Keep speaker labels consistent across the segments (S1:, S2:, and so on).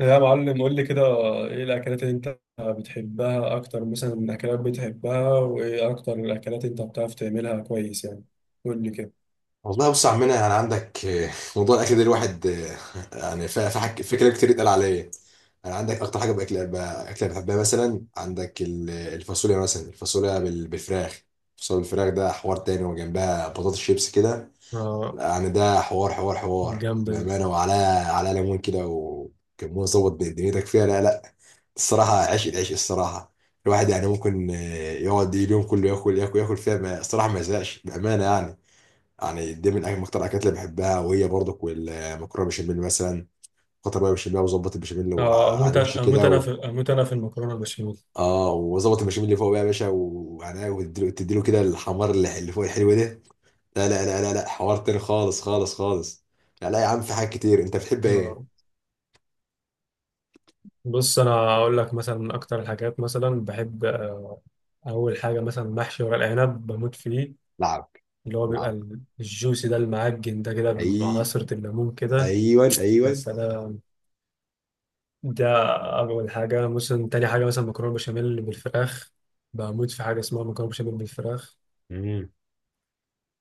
S1: يا معلم، قول لي كده. ايه الاكلات اللي انت بتحبها اكتر مثلا من اكلات بتحبها، وايه اكتر الاكلات انت بتعرف تعملها كويس يعني؟ قول لي كده.
S2: والله بص يا عمنا، يعني عندك موضوع الاكل ده، الواحد يعني في كلام كتير اتقال عليا. انا عندك اكتر حاجه باكل اكله بحبها مثلا، عندك الفاصوليا، مثلا الفاصوليا بالفراخ. الفاصوليا بالفراخ ده حوار تاني، وجنبها بطاطس شيبس كده.
S1: اه،
S2: يعني ده حوار حوار حوار
S1: جامدة دي.
S2: بامانه، وعلى ليمون كده وكمون، ظبط دنيتك فيها. لا لا، الصراحه عشق، العشق الصراحه. الواحد يعني ممكن يقعد اليوم كله ياكل ياكل ياكل فيها، الصراحه ما يزهقش، بامانه يعني. يعني دي من أهم أكتر الأكلات اللي بحبها، وهي برضك والمكرونة بالبشاميل مثلا، خاطر بقى بالبشاميل، وظبط البشاميل
S1: اه،
S2: على
S1: اموت
S2: الوش
S1: اموت،
S2: كده و...
S1: انا في المكرونة البشاميل.
S2: اه، وظبط البشاميل اللي فوق بقى يا باشا وعناه، وتديله تديله كده الحمار اللي فوق الحلو ده. لا لا لا لا لا، حوار تاني، خالص خالص خالص. لا لا يا عم، في حاجات كتير. أنت بتحب إيه؟
S1: آه، بص، انا اقول لك مثلا من اكتر الحاجات مثلا بحب، اول حاجة مثلا محشي ورق العنب بموت فيه،
S2: لعب.
S1: اللي هو بيبقى
S2: لعب.
S1: الجوسي ده المعجن ده كده مع
S2: أي.
S1: عصرة الليمون كده.
S2: أيوه أيوه.
S1: بس ده أول حاجة. مثلا تاني حاجة مثلا مكرونة بشاميل بالفراخ، بموت في حاجة اسمها مكرونة بشاميل بالفراخ.
S2: امم.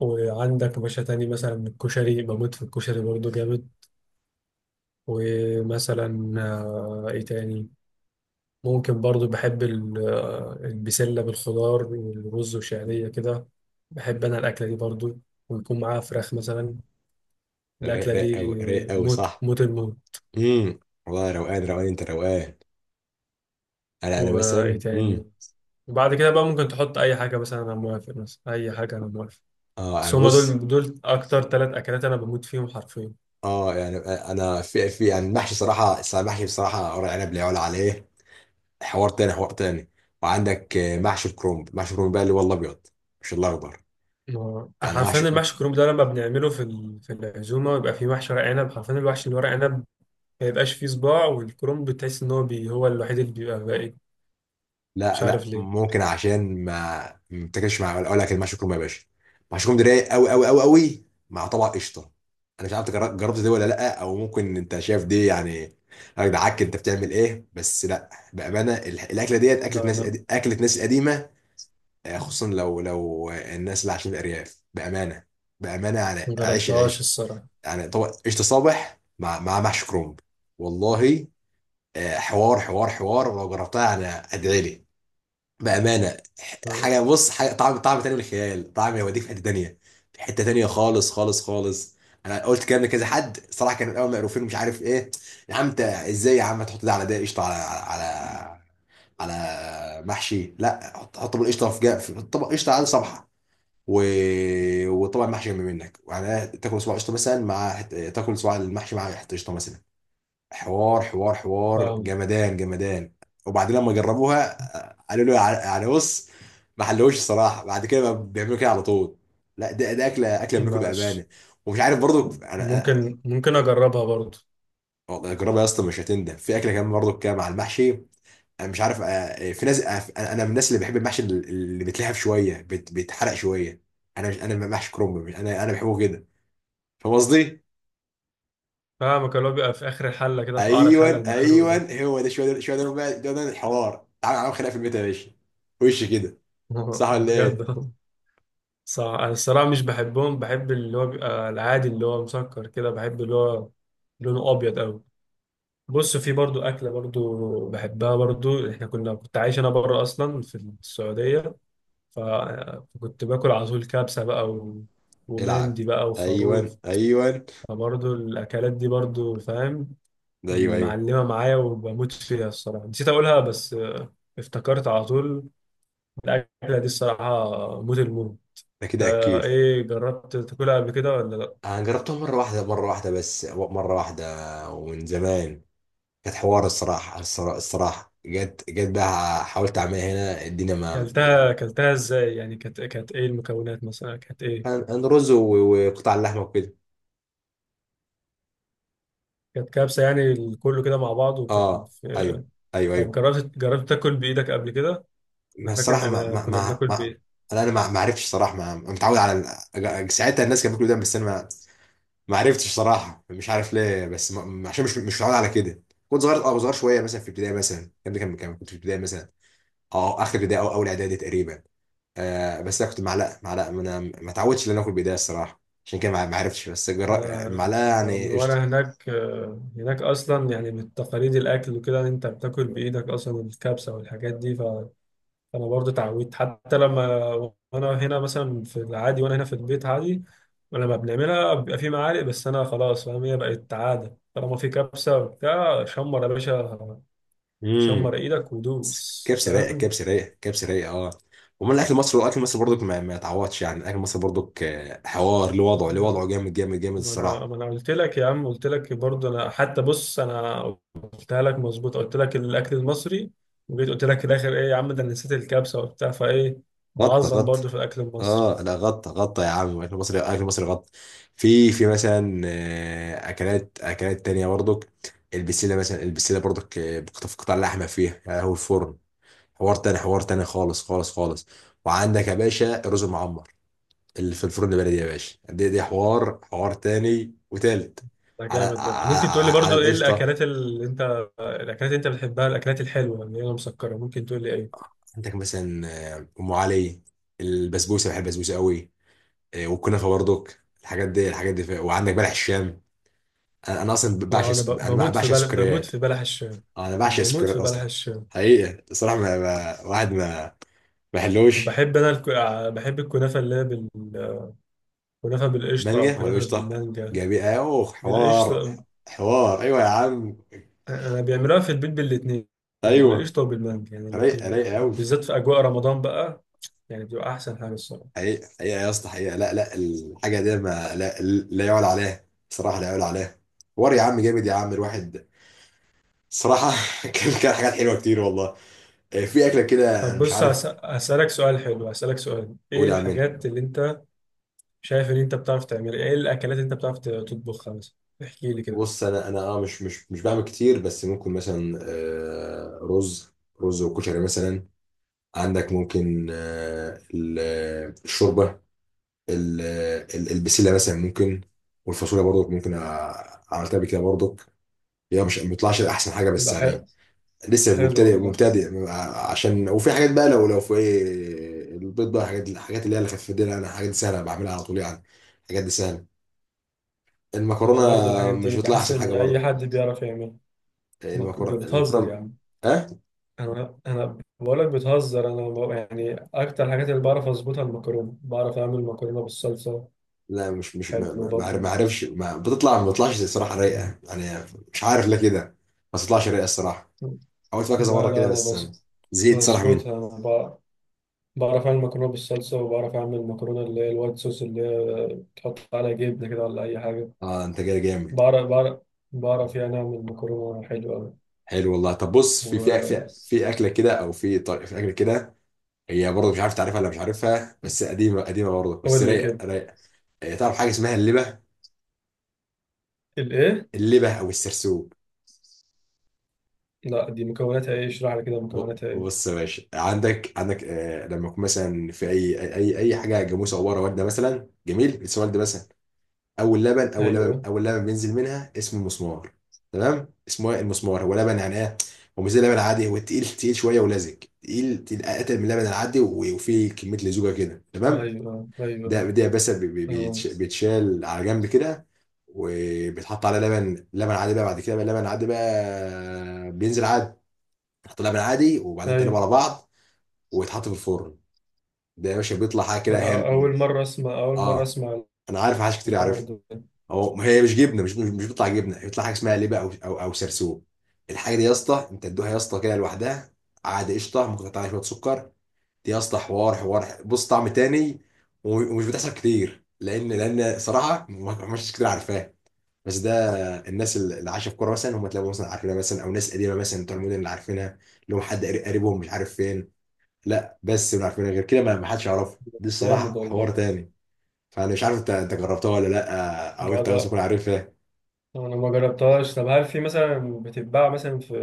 S1: وعندك باشا تاني مثلا الكشري، بموت في الكشري برضه جامد. ومثلا إيه تاني؟ ممكن برضه بحب البسلة بالخضار والرز وشعرية كده، بحب أنا الأكلة دي برضه، ويكون معاها فراخ مثلا.
S2: رايق،
S1: الأكلة
S2: رايق
S1: دي
S2: قوي، رايق قوي،
S1: موت
S2: صح.
S1: موت الموت.
S2: امم. والله روقان، روقان، انت روقان. انا
S1: وإيه
S2: مثلا.
S1: تاني؟ وبعد كده بقى ممكن تحط أي حاجة، مثلا أنا موافق، مثلا أي حاجة أنا موافق.
S2: اه،
S1: بس
S2: انا،
S1: هما
S2: بص.
S1: دول، اكتر ثلاث اكلات انا بموت فيهم حرفيا.
S2: اه يعني انا، في يعني المحشي، صراحه المحشي بصراحه ورق عنب لا يعلى عليه. حوار تاني، حوار تاني. وعندك محشي الكرنب، محشي الكرنب بقى اللي هو الابيض مش الاخضر. انا
S1: حرفيا
S2: محشي،
S1: المحشي الكرنب ده لما بنعمله في في العزومه بيبقى فيه محشي ورق عنب، حرفيا الوحش اللي ورق عنب ما يبقاش فيه صباع، والكرنب بتحس ان هو هو الوحيد اللي بيبقى باقي. مش
S2: لا
S1: عارف
S2: لا،
S1: ليه.
S2: ممكن عشان ما بتاكلش، مع اقول لك المحشي الكرنب يا باشا، محشي الكرنب ده رايق قوي قوي قوي قوي مع طبق قشطه. انا مش عارف جربت دي ولا لا، او ممكن انت شايف دي يعني. يا جدعك انت بتعمل ايه، بس لا بامانه الاكله ديت اكله
S1: لا
S2: ناس،
S1: انا
S2: اكله ناس قديمه. خصوصا لو الناس اللي عايشين في الارياف بامانه. بامانه يعني
S1: ما
S2: عيش،
S1: جربتهاش
S2: العيش.
S1: الصراحه.
S2: يعني طبعا قشطه، صبح مع محشي كرومب، والله. حوار حوار حوار لو جربتها يعني، ادعي لي. بامانه، حاجه، بص حاجه، طعم، طعم تاني من الخيال، طعم يوديك في حته تانيه، في حته تانيه، خالص خالص خالص. انا قلت الكلام لكذا حد صراحه، كانوا الاول مقروفين ومش عارف ايه. يا عم انت ازاي يا عم تحط ده على ده، قشطه على محشي. لا، حط حط طبق قشطه، في طبق قشطه على صبحه. و... وطبعا محشي جنب منك يعني، تاكل صباع قشطه مثلا مع تاكل صباع المحشي مع حته قشطه مثلا. حوار حوار حوار،
S1: فاهم.
S2: جمدان جمدان. وبعدين لما جربوها قالوا له، يعني بص، ما حلوش الصراحه. بعد كده بقى بيعملوا كده على طول. لا، ده اكله، اكله منكم
S1: ماشي.
S2: بامانه. ومش عارف برضو
S1: ممكن اجربها برضه.
S2: والله جربها يا اسطى، مش هتندم. في اكله كمان برضو كده مع المحشي، انا مش عارف. في ناس. انا من الناس اللي بحب المحشي اللي بيتلهف شويه، بيتحرق شويه. انا مش، انا محشي كرنب، انا بحبه كده. فاهم قصدي؟
S1: فاهمك، اللي هو بيبقى في اخر الحله كده، في قعر الحله
S2: ايوه
S1: المحروق
S2: ايوه.
S1: ده.
S2: هو ده شويه، ده شويه، ده بقى، ده الحوار. تعالى نعمل خناقه في البيت يا باشا، وش كده. صح ولا ايه؟
S1: بجد. صح. انا الصراحه مش بحبهم، بحب اللي هو بيبقى العادي اللي هو مسكر كده، بحب اللي هو لونه ابيض قوي. بص، في برضو اكله برضو بحبها برضو، احنا كنت عايش انا بره اصلا في السعوديه، ف- فكنت باكل على طول كبسه بقى
S2: العب.
S1: ومندي بقى وخروف.
S2: ايوه ايوه.
S1: فبرضو الاكلات دي برضو فاهم،
S2: ده ايوه
S1: اللي
S2: ايوه،
S1: معلمه معايا وبموت فيها الصراحه. نسيت اقولها بس افتكرت على طول. الاكله دي الصراحه موت الموت.
S2: ده
S1: انت
S2: كده اكيد.
S1: ايه، جربت تاكلها قبل كده ولا لا؟
S2: انا جربتها مره واحده، مره واحده، بس مره واحده، ومن زمان. كانت حوار الصراحه، الصراحه جت جت بقى، حاولت اعملها هنا الدنيا ما...
S1: كلتها، ازاي يعني؟ كانت، ايه المكونات مثلا؟ كانت ايه؟
S2: كان رز وقطع اللحمه وكده.
S1: كانت كبسة يعني، كله كده مع بعض،
S2: اه ايوه ايوه
S1: طب
S2: ايوه.
S1: جربت، تاكل بايدك قبل كده؟
S2: ما
S1: انا فاكر ان
S2: الصراحه ما
S1: انا
S2: ما
S1: كنا
S2: ما,
S1: بناكل
S2: ما
S1: بايد.
S2: انا ما عرفتش صراحه، ما متعود على ساعتها، الناس كانت بتقول ده، بس انا ما عرفتش صراحه، مش عارف ليه، بس عشان مش متعود على كده. كنت صغير، صغير شويه مثلا، في ابتدائي مثلا. الكلام ده كنت في ابتدائي مثلا. اه، اخر ابتدائي او اول اعدادي تقريبا. بس انا كنت معلقه، معلقه، ما انا ما اتعودتش ان انا اكل بيضاء الصراحه، عشان كده ما عرفتش، بس
S1: انا أنا
S2: معلقه
S1: من
S2: يعني.
S1: وانا هناك، هناك اصلا يعني بالتقاليد الاكل وكده، إن انت بتاكل بايدك اصلا الكبسة والحاجات دي. انا برضه اتعودت، حتى لما وانا هنا مثلا في العادي، وانا هنا في البيت عادي، لما بنعملها بيبقى في معالق. بس انا خلاص فاهم، هي بقت عاده. طالما في كبسه وبتاع، شمر يا باشا،
S2: قشطه.
S1: شمر ايدك ودوس
S2: كبسه رايقه،
S1: فاهم.
S2: كبسه رايقه، كبسه رايقه، اه. ومن الاكل المصري، الاكل المصري برضك ما يتعوضش، يعني الاكل المصري برضك حوار، له وضعه، له وضعه جامد جامد جامد
S1: ما انا
S2: الصراحه.
S1: ما انا قلت لك يا عم، قلت لك برضه انا، حتى بص انا قلتها لك مظبوط، قلت لك الاكل المصري. وجيت قلت لك في الاخر، ايه يا عم ده، أنا نسيت الكبسه وبتاع فايه،
S2: غطى
S1: بعظم
S2: غطى.
S1: برضه في الاكل المصري.
S2: اه لا، غطى غطى يا عم، الاكل المصري، الاكل المصري غطى. في مثلا اكلات، اكلات تانية برضك. البسله مثلا، البسله برضك بقطع، قطع لحمه فيها، هو الفرن، حوار تاني، حوار تاني، خالص خالص خالص. وعندك يا باشا الرز المعمر، اللي في الفرن البلدي يا باشا، دي حوار، حوار تاني وتالت،
S1: ده
S2: على
S1: جامد برضه. ممكن تقول لي
S2: على
S1: برضه ايه
S2: القشطه.
S1: الاكلات اللي انت، الاكلات اللي انت بتحبها الاكلات الحلوه اللي هي مسكره؟ ممكن تقول لي ايه؟
S2: عندك مثلا ام علي، البسبوسه، بحب البسبوسه قوي، والكنافه برضك، الحاجات دي، الحاجات دي، وعندك بلح الشام. انا اصلا بعشق
S1: اه،
S2: انا
S1: بموت في
S2: بعشق
S1: بلح، بموت
S2: السكريات.
S1: في بلح الشام،
S2: انا بعشق
S1: بموت
S2: السكريات
S1: في بلح
S2: اصلا.
S1: الشام.
S2: حقيقه الصراحه، واحد ما حلوش.
S1: وبحب انا بحب الكنافه اللي هي كنافه بالقشطه او
S2: مانجا ولا
S1: كنافه
S2: قشطه،
S1: بالمانجا.
S2: جابي، اوه حوار،
S1: بالقشطه.
S2: حوار ايوه يا عم،
S1: انا بيعملوها في البيت بالاثنين،
S2: ايوه
S1: بالقشطه وبالمانجا، يعني
S2: رايق،
S1: الاثنين
S2: رايق قوي.
S1: بالذات في اجواء رمضان بقى. يعني بتبقى احسن حاجه الصراحه.
S2: حقيقة حقيقة يا اسطى، حقيقة، لا لا، الحاجة دي ما لا يعلى عليها، صراحة لا يعلى عليها. وري يا عم، جامد يا عم، الواحد، صراحة. كان حاجات حلوة كتير والله. في أكلة كده
S1: طب
S2: أنا مش
S1: بص،
S2: عارف
S1: هسألك سؤال حلو، هسألك سؤال، ايه
S2: أقول أعملها.
S1: الحاجات اللي انت شايف ان انت بتعرف تعمل، ايه الاكلات اللي انت بتعرف تطبخها مثلا؟ احكي لي كده.
S2: بص، أنا مش بعمل كتير، بس ممكن مثلا رز، وكشري مثلا. عندك ممكن الشوربة، البسلة مثلا ممكن، والفاصوليا برضو ممكن، عملتها بكده برضو. هي مش، ما بيطلعش أحسن حاجة، بس
S1: ده حلو.
S2: يعني، لسه
S1: حلو
S2: مبتدئ،
S1: والله.
S2: مبتدئ. عشان وفي حاجات بقى، لو في ايه البيض بقى، حاجات، الحاجات اللي هي الخفيفه دي، لا، انا حاجات سهله بعملها على طول يعني، الحاجات دي سهله.
S1: انا
S2: المكرونه
S1: برضو الحاجات
S2: مش
S1: دي
S2: بتطلع
S1: بحس
S2: احسن
S1: ان
S2: حاجه
S1: اي
S2: برضه،
S1: حد بيعرف يعمل. ما ك-
S2: المكرونه،
S1: بتهزر يا
S2: المكرونه،
S1: عم.
S2: ها.
S1: انا بقول لك بتهزر، انا يعني اكتر الحاجات اللي بعرف اظبطها المكرونه، بعرف اعمل مكرونه بالصلصه.
S2: لا، مش
S1: حلو
S2: ما
S1: برضو.
S2: عارفش، ما بتطلعش الصراحه رايقه يعني. مش عارف ليه كده، ما بتطلعش رايقه الصراحه. حاولت فيها كذا
S1: لا
S2: مره
S1: لا،
S2: كده
S1: انا
S2: بس أنا زهقت صراحه منها.
S1: بظبطها، انا بعرف اعمل مكرونه بالصلصه، وبعرف اعمل مكرونه اللي هي الوايت صوص، اللي هي تحط عليها جبنه كده ولا اي حاجه.
S2: اه، انت جاي جامد،
S1: بعرف بعرف بعرف يعني أعمل مكرونة حلوة أوي.
S2: حلو والله. طب بص،
S1: و-
S2: في اكله كده، او في طريقه في اكله كده، هي برضه مش عارف تعرفها ولا مش عارفها، بس قديمه قديمه برضه، بس
S1: قول لي كده.
S2: رايقه رايقه. هي تعرف حاجه اسمها اللبه،
S1: الإيه؟
S2: اللبه او السرسوب؟
S1: لا، دي مكوناتها إيه؟ اشرح لي كده، مكوناتها إيه؟
S2: بص يا باشا، عندك لما يكون مثلا في اي اي اي أي حاجه جاموسه عباره والده مثلا، جميل لسه والده مثلا. اول لبن، اول لبن،
S1: أيوه
S2: اول لبن بينزل منها اسمه المسمار. تمام، اسمه إيه؟ المسمار. هو لبن يعني، ايه؟ هو مش زي اللبن العادي، هو تقيل تقيل شويه ولزج، تقيل تقيل، اتقل من اللبن العادي، وفيه كميه، لزوجه كده، تمام.
S1: أيوه.
S2: ده
S1: أيوه
S2: ده بس
S1: تمام.
S2: بيتشال على جنب كده، وبيتحط على لبن، عادي بقى، بعد كده بقى لبن عادي بقى، بينزل عادي، بيتحط لبن عادي، وبعدين تقلبه
S1: أيوه.
S2: على بعض، ويتحط في الفرن. ده يا باشا بيطلع حاجه
S1: ده
S2: كده هي،
S1: أنا أول مرة أسمع، أول مرة
S2: اه،
S1: أسمع
S2: انا عارف حاجات كتير
S1: الحوار
S2: عارفها.
S1: ده.
S2: هو، ما هي مش جبنه، مش بيطلع جبنه، بيطلع حاجه اسمها لبه او سرسوب. الحاجه دي يا اسطى انت تدوها يا اسطى كده لوحدها، عادي قشطه، ممكن تقطع عليها شويه سكر. دي يا اسطى حوار حوار، بص طعم تاني، ومش بتحصل كتير، لان صراحه، ما مش كتير عارفاه. بس ده، الناس اللي عايشه في قرى مثلا، هم تلاقوا مثلا عارفينها مثلا، او ناس قديمه مثلا بتوع المدن اللي عارفينها، اللي هم حد قريبهم، مش عارف فين. لا بس اللي عارفينها، غير كده ما حدش يعرفها دي
S1: جامد
S2: الصراحه، حوار
S1: والله.
S2: تاني. فانا مش عارف، انت جربتها ولا لا، او
S1: أنا
S2: انت مثلا
S1: بقى
S2: تكون عارفها.
S1: أنا ما جربتهاش. طب هل في مثلا بتتباع مثلا في،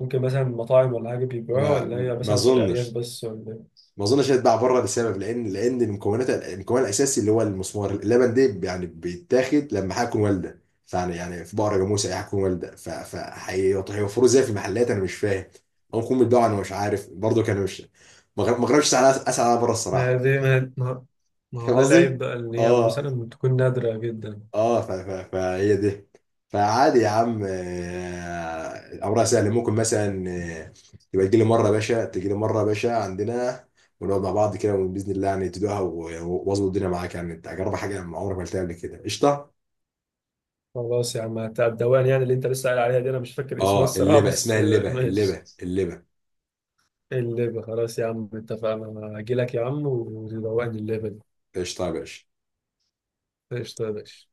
S1: ممكن مثلا مطاعم ولا حاجة بيبيعوها،
S2: ما
S1: ولا هي
S2: ما
S1: مثلا في الأرياف
S2: اظنش،
S1: بس، ولا إيه؟
S2: هيتباع بره، لسبب، لان مكونات، المكون الاساسي اللي هو المسمار اللبن، ده يعني بيتاخد لما حاجه تكون والده، يعني في بقره، جاموسه، اي حاجه تكون والده، هيوفروه ازاي في المحلات، انا مش فاهم. او يكون بيتباعوا، انا مش عارف برضه، كان مش، ما جربتش، اسال اسال على بره
S1: ما هي
S2: الصراحه.
S1: دي، ما هو
S2: فاهم
S1: ده العيب
S2: قصدي؟
S1: بقى إن هي
S2: اه
S1: مثلا تكون نادرة جدا.
S2: اه. فهي دي، فعادي يا عم، امرها سهل، ممكن مثلا آه، تبقى تجي لي مره يا باشا، تجي لي مره يا باشا عندنا، ونقعد مع بعض كده باذن الله يعني، تدوقها، واظبط الدنيا معاك يعني، انت اجرب حاجه ما عمرك ما قلتها قبل كده. قشطه.
S1: خلاص يا عم بتاع الدوان، يعني اللي انت لسه قايل عليها دي انا مش فاكر اسمها
S2: اه،
S1: الصراحه
S2: اللبه،
S1: بس
S2: اسمها اللبه،
S1: ماشي.
S2: اللبه، اللبه.
S1: الليبه، خلاص يا عم اتفقنا، انا هجي لك يا عم وروقني الليبه دي.
S2: قشطه يا باشا.
S1: ايش؟